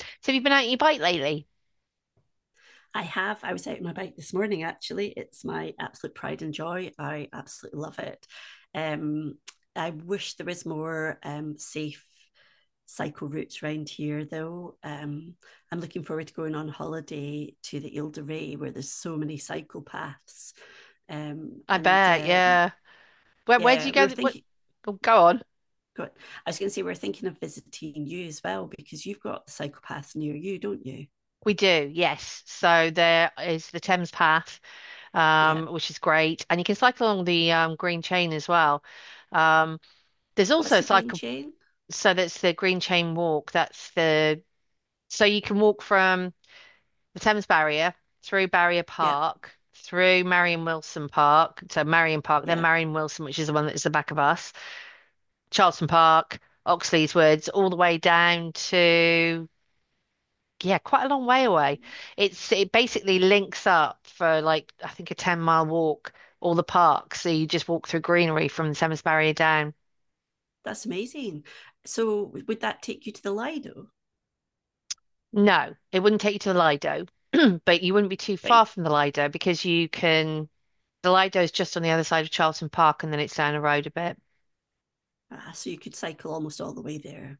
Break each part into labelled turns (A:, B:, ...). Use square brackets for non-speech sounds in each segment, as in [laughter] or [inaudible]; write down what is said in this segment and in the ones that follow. A: So have you been out on your bike lately?
B: I have. I was out on my bike this morning, actually. It's my absolute pride and joy. I absolutely love it. Um, I wish there was more safe cycle routes around here, though. I'm looking forward to going on holiday to the Ile de Ré, where there's so many cycle paths.
A: I
B: And
A: bet, yeah. Where do
B: Yeah,
A: you
B: we
A: go?
B: were
A: What?
B: thinking.
A: Oh, go on.
B: Got, I was going to say we're thinking of visiting you as well because you've got the cycle path near you, don't you?
A: We do, yes. So there is the Thames Path,
B: Yeah.
A: which is great, and you can cycle along the Green Chain as well. Um, there's
B: What's
A: also a
B: the green
A: cycle,
B: chain?
A: so that's the Green Chain Walk. That's the so you can walk from the Thames Barrier through Barrier
B: Yeah,
A: Park, through Marion Wilson Park, so Marion Park, then
B: yeah.
A: Marion Wilson, which is the one that's the back of us Charlton Park, Oxley's Woods, all the way down to yeah, quite a long way away. It basically links up for like I think a 10-mile walk all the parks. So you just walk through greenery from the Thames Barrier down.
B: That's amazing. So would that take you to the Lido?
A: No, it wouldn't take you to the Lido, [clears throat] but you wouldn't be too far
B: Right.
A: from the Lido because you can the Lido is just on the other side of Charlton Park and then it's down the road a bit.
B: Ah, so you could cycle almost all the way there.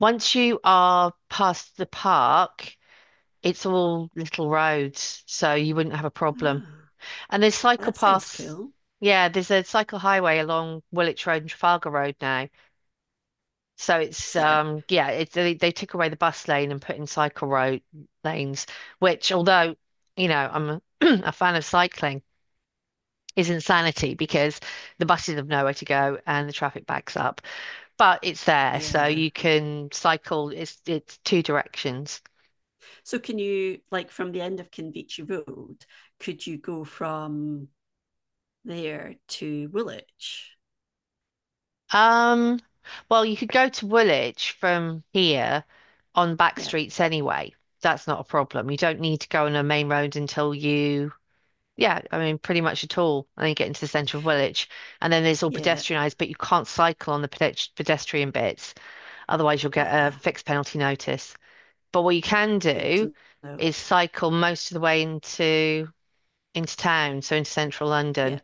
A: Once you are past the park, it's all little roads, so you wouldn't have a problem.
B: Ah,
A: And there's
B: well,
A: cycle
B: that sounds
A: paths.
B: cool.
A: Yeah, there's a cycle highway along Woolwich Road and Trafalgar Road now. So
B: Is
A: it's
B: there?
A: yeah, it's they took away the bus lane and put in cycle road lanes, which although, you know, I'm a, [clears throat] a fan of cycling, is insanity because the buses have nowhere to go and the traffic backs up. But it's there, so
B: Yeah.
A: you can cycle it's two directions.
B: So can you, like, from the end of Kinvichi Road, could you go from there to Woolwich?
A: Um well you could go to Woolwich from here on back
B: Yeah.
A: streets anyway. That's not a problem. You don't need to go on a main road until you, yeah, I mean, pretty much at all. And then you get into the centre of Woolwich. And then it's all
B: Yeah.
A: pedestrianised, but you can't cycle on the pedestrian bits. Otherwise, you'll get a
B: Ah,
A: fixed penalty notice. But what you can
B: good
A: do
B: to know.
A: is cycle most of the way into town, so into central
B: Yeah.
A: London,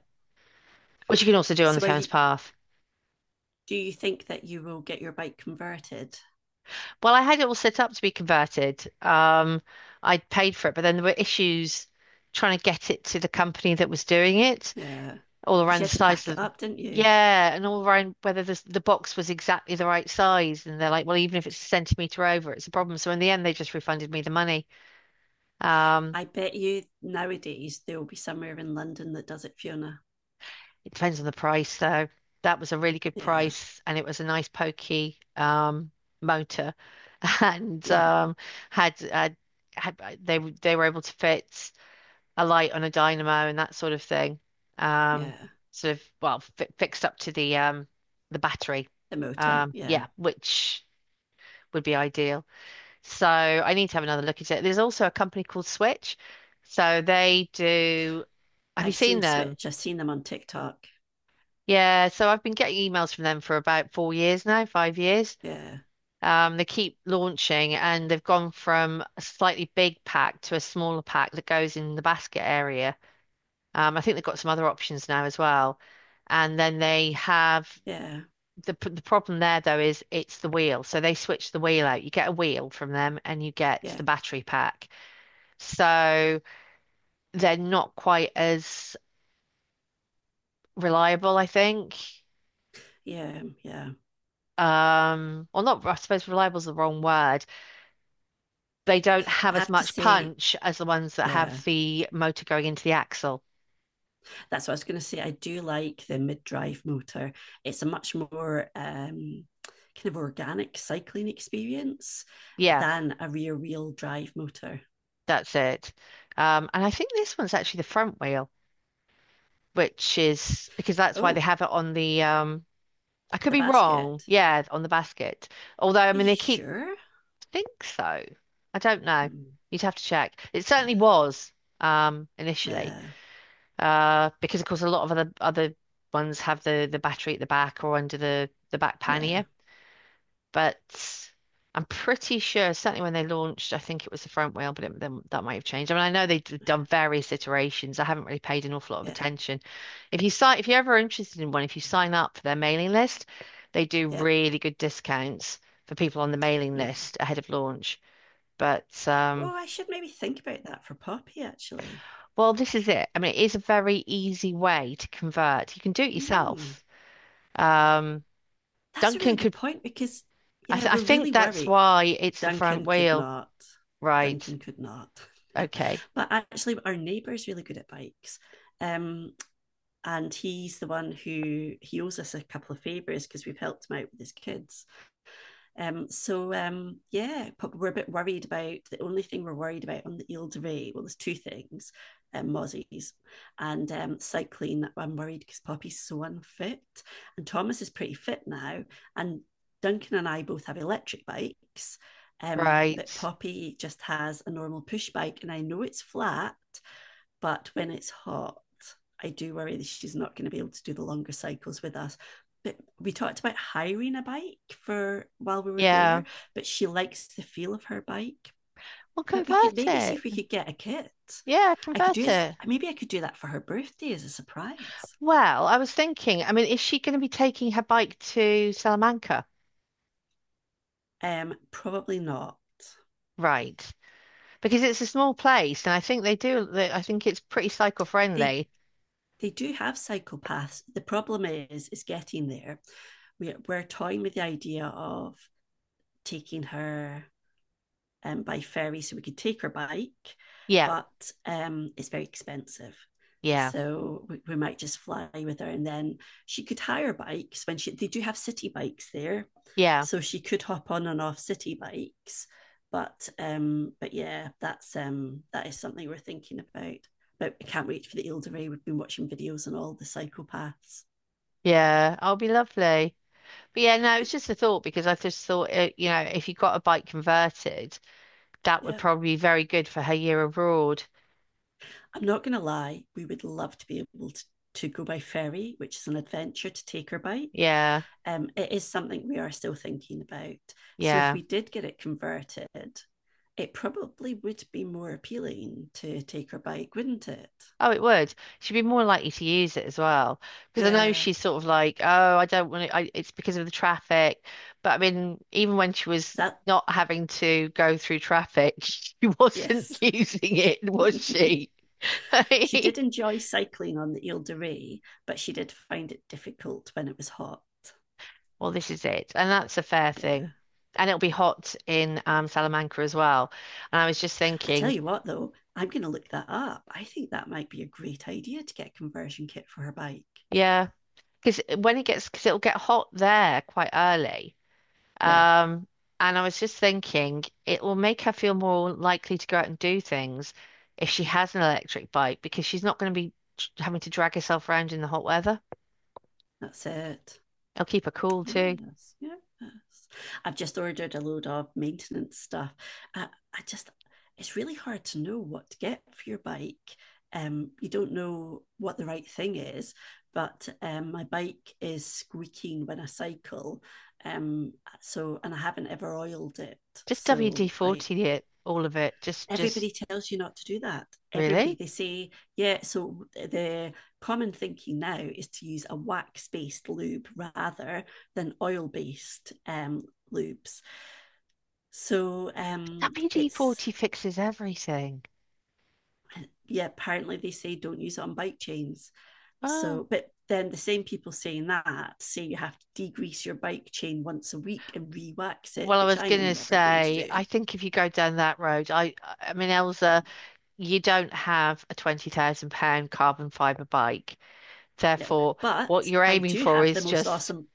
A: which you can also do on the
B: So are
A: Thames
B: you,
A: Path.
B: do you think that you will get your bike converted?
A: Well, I had it all set up to be converted. I'd paid for it, but then there were issues trying to get it to the company that was doing it,
B: Yeah.
A: all
B: Because
A: around
B: you
A: the
B: had to
A: size
B: pack it
A: of,
B: up, didn't you?
A: yeah, and all around whether the box was exactly the right size. And they're like, well, even if it's a centimeter over, it's a problem. So in the end, they just refunded me the money. Um,
B: I bet you nowadays there will be somewhere in London that does it, Fiona.
A: it depends on the price, though. That was a really good
B: Yeah,
A: price, and it was a nice pokey motor, [laughs] and
B: yeah,
A: had, had had they were able to fit. A light on a dynamo and that sort of thing. Um,
B: yeah.
A: sort of well fi fixed up to the battery.
B: The motor, yeah.
A: Yeah, which would be ideal. So I need to have another look at it. There's also a company called Switch. So they do. Have you
B: I've
A: seen
B: seen
A: them?
B: Switch. I've seen them on TikTok.
A: Yeah. So I've been getting emails from them for about 4 years now, 5 years.
B: Yeah,
A: They keep launching and they've gone from a slightly big pack to a smaller pack that goes in the basket area. I think they've got some other options now as well. And then they have
B: yeah,
A: the problem there though is it's the wheel. So they switch the wheel out. You get a wheel from them and you get the
B: yeah,
A: battery pack. So they're not quite as reliable, I think.
B: yeah, yeah.
A: Or not, I suppose reliable is the wrong word. They don't have
B: I
A: as
B: have to
A: much
B: say,
A: punch as the ones that
B: yeah,
A: have the motor going into the axle.
B: that's what I was going to say. I do like the mid-drive motor. It's a much more kind of organic cycling experience
A: Yeah,
B: than a rear-wheel drive motor.
A: that's it. And I think this one's actually the front wheel. Which is because that's why they
B: Oh,
A: have it on the I could
B: the
A: be wrong,
B: basket.
A: yeah, on the basket. Although I
B: Are
A: mean
B: you
A: they keep
B: sure?
A: I think so. I don't know.
B: Hmm.
A: You'd have to check. It certainly was initially.
B: Yeah,
A: Because of course a lot of other ones have the battery at the back or under the back
B: yeah, yeah,
A: pannier but I'm pretty sure, certainly when they launched, I think it was the front wheel, but it, then that might have changed. I mean, I know they've done various iterations. I haven't really paid an awful lot of
B: yeah,
A: attention. If you're ever interested in one, if you sign up for their mailing list, they do
B: yeah,
A: really good discounts for people on the mailing
B: yeah.
A: list ahead of launch. But
B: Oh, I should maybe think about that for Poppy, actually.
A: Well, this is it. I mean, it is a very easy way to convert. You can do it
B: Mm,
A: yourself. Um,
B: that's a
A: Duncan
B: really good
A: could.
B: point because, yeah,
A: I
B: we're really
A: think that's
B: worried.
A: why it's the front
B: Duncan could
A: wheel,
B: not.
A: right?
B: Duncan could not.
A: Okay.
B: [laughs] But actually, our neighbour's really good at bikes. Um, and he's the one who he owes us a couple of favours because we've helped him out with his kids. Yeah, we're a bit worried about the only thing we're worried about on the Ile de Ré. Well, there's two things: mozzies and cycling. I'm worried because Poppy's so unfit, and Thomas is pretty fit now. And Duncan and I both have electric bikes, but
A: Right.
B: Poppy just has a normal push bike, and I know it's flat, but when it's hot, I do worry that she's not going to be able to do the longer cycles with us. But we talked about hiring a bike for while we were there,
A: Yeah.
B: but she likes the feel of her bike.
A: Well,
B: But we could
A: convert
B: maybe see
A: it.
B: if we could get a kit.
A: Yeah,
B: I could do
A: convert
B: as
A: it.
B: maybe I could do that for her birthday as a surprise.
A: Well, I was thinking, I mean, is she going to be taking her bike to Salamanca?
B: Probably not.
A: Right. Because it's a small place and I think I think it's pretty
B: They
A: cycle-friendly.
B: they do have cycle paths. The problem is getting there. We're toying with the idea of taking her by ferry, so we could take our bike,
A: Yeah.
B: but it's very expensive.
A: Yeah.
B: So we might just fly with her, and then she could hire bikes when she. They do have city bikes there,
A: Yeah.
B: so she could hop on and off city bikes. But yeah, that is something we're thinking about. But I can't wait for the Ilderay. We've been watching videos on all the psychopaths.
A: Yeah. I'll be lovely. But yeah,
B: I
A: no, it's
B: think,
A: just a thought because I just thought, you know, if you got a bike converted, that would
B: yeah,
A: probably be very good for her year abroad.
B: I'm not going to lie. We would love to be able to go by ferry, which is an adventure to take her bike.
A: Yeah.
B: It is something we are still thinking about. So if
A: Yeah.
B: we did get it converted, it probably would be more appealing to take her bike, wouldn't it?
A: Oh, it would. She'd be more likely to use it as well because I know
B: Yeah.
A: she's sort of like, oh, I don't want to. I, it's because of the traffic. But I mean, even when she was
B: that
A: not having to go through traffic, [laughs] she wasn't [laughs]
B: Yes.
A: using it, was
B: [laughs]
A: she?
B: She
A: [laughs]
B: did enjoy cycling on the Ile de Ré, but she did find it difficult when it was hot.
A: Well, this is it, and that's a fair
B: Yeah.
A: thing. And it'll be hot in Salamanca as well. And I was just
B: I tell
A: thinking,
B: you what though, I'm gonna look that up. I think that might be a great idea to get a conversion kit for her bike.
A: yeah, because when it gets, because it'll get hot there quite early.
B: Yeah,
A: Um, and I was just thinking, it will make her feel more likely to go out and do things if she has an electric bike because she's not going to be having to drag herself around in the hot weather.
B: that's it.
A: It'll keep her cool too.
B: Yes, yes. I've just ordered a load of maintenance stuff. I, I just, it's really hard to know what to get for your bike. You don't know what the right thing is, but my bike is squeaking when I cycle. Um, so, and I haven't ever oiled it.
A: Just
B: So I,
A: WD-40 it, all of it. Just
B: Everybody tells you not to do that. Everybody
A: really?
B: They say yeah. So the common thinking now is to use a wax based lube rather than oil based lubes. So it's
A: WD-40 fixes everything.
B: Yeah, apparently they say don't use it on bike chains,
A: Oh.
B: so but then the same people saying that say you have to degrease your bike chain once a week and re-wax it,
A: Well, I
B: which
A: was
B: I am
A: gonna
B: never going to
A: say,
B: do.
A: I think if you go down that road, I mean, Elsa, you don't have a £20,000 carbon fiber bike.
B: No,
A: Therefore, what
B: but
A: you're
B: I
A: aiming
B: do
A: for
B: have the
A: is
B: most
A: just,
B: awesome.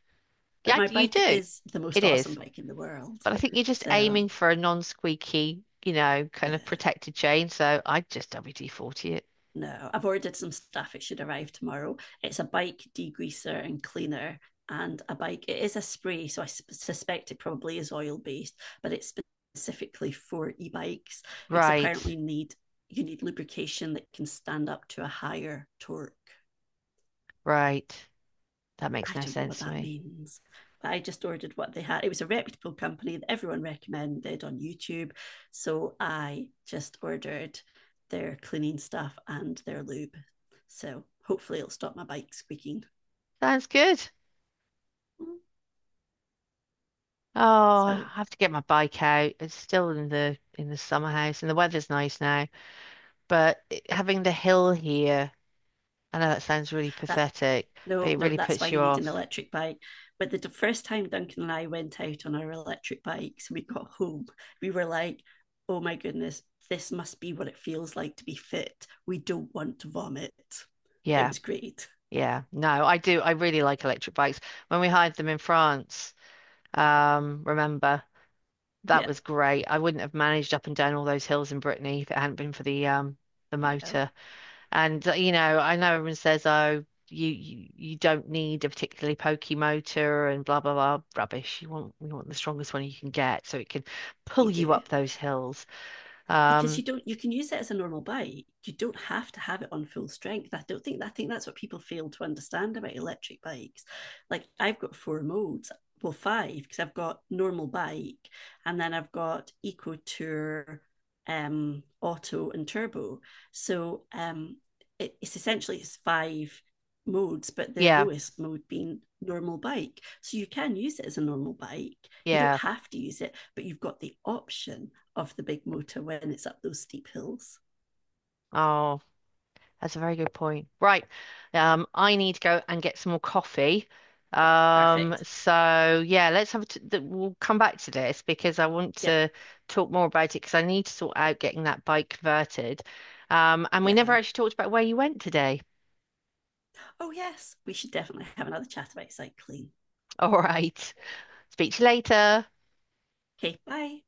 B: But
A: yeah,
B: my
A: you
B: bike
A: do.
B: is the
A: It
B: most awesome
A: is.
B: bike in the world.
A: But I think you're just
B: So
A: aiming for a non-squeaky, you know,
B: yeah,
A: kind of protected chain. So I just WD-40 it.
B: no, I've ordered some stuff. It should arrive tomorrow. It's a bike degreaser and cleaner and a bike. It is a spray, so I suspect it probably is oil based, but it's specifically for e-bikes because
A: Right,
B: apparently need you need lubrication that can stand up to a higher torque.
A: right. That makes
B: I
A: no
B: don't know what
A: sense to
B: that
A: me.
B: means. But I just ordered what they had. It was a reputable company that everyone recommended on YouTube. So I just ordered their cleaning stuff and their lube. So hopefully it'll stop my bike squeaking.
A: Sounds good. Oh, I
B: So
A: have to get my bike out. It's still in the summer house and the weather's nice now. But having the hill here, I know that sounds really
B: that
A: pathetic, but
B: No,
A: it
B: no,
A: really
B: that's why
A: puts
B: you
A: you
B: need an
A: off.
B: electric bike. But the first time Duncan and I went out on our electric bikes, we got home. We were like, oh my goodness, this must be what it feels like to be fit. We don't want to vomit. It
A: Yeah.
B: was great.
A: Yeah, no, I do. I really like electric bikes. When we hired them in France, remember that
B: Yeah,
A: was great. I wouldn't have managed up and down all those hills in Brittany if it hadn't been for the
B: yeah,
A: motor. And you know, I know everyone says, oh, you don't need a particularly pokey motor and blah blah blah rubbish. You want we want the strongest one you can get so it can pull
B: you
A: you
B: do.
A: up those hills.
B: Because
A: Um,
B: you don't, you can use it as a normal bike. You don't have to have it on full strength. I don't think, I think that's what people fail to understand about electric bikes. Like, I've got 4 modes, well 5, because I've got normal bike, and then I've got eco, tour, auto and turbo. so um it's essentially it's 5 modes, but the
A: yeah,
B: lowest mode being normal bike. So you can use it as a normal bike. You don't
A: yeah.
B: have to use it, but you've got the option of the big motor when it's up those steep hills.
A: Oh. That's a very good point. Right. I need to go and get some more coffee.
B: Perfect.
A: So yeah, let's have a t th we'll come back to this because I want
B: Yeah.
A: to talk more about it because I need to sort out getting that bike converted. And we never
B: Yeah.
A: actually talked about where you went today.
B: Oh, yes. We should definitely have another chat about cycling.
A: [laughs] All right. Speak to you later.
B: Okay. Bye.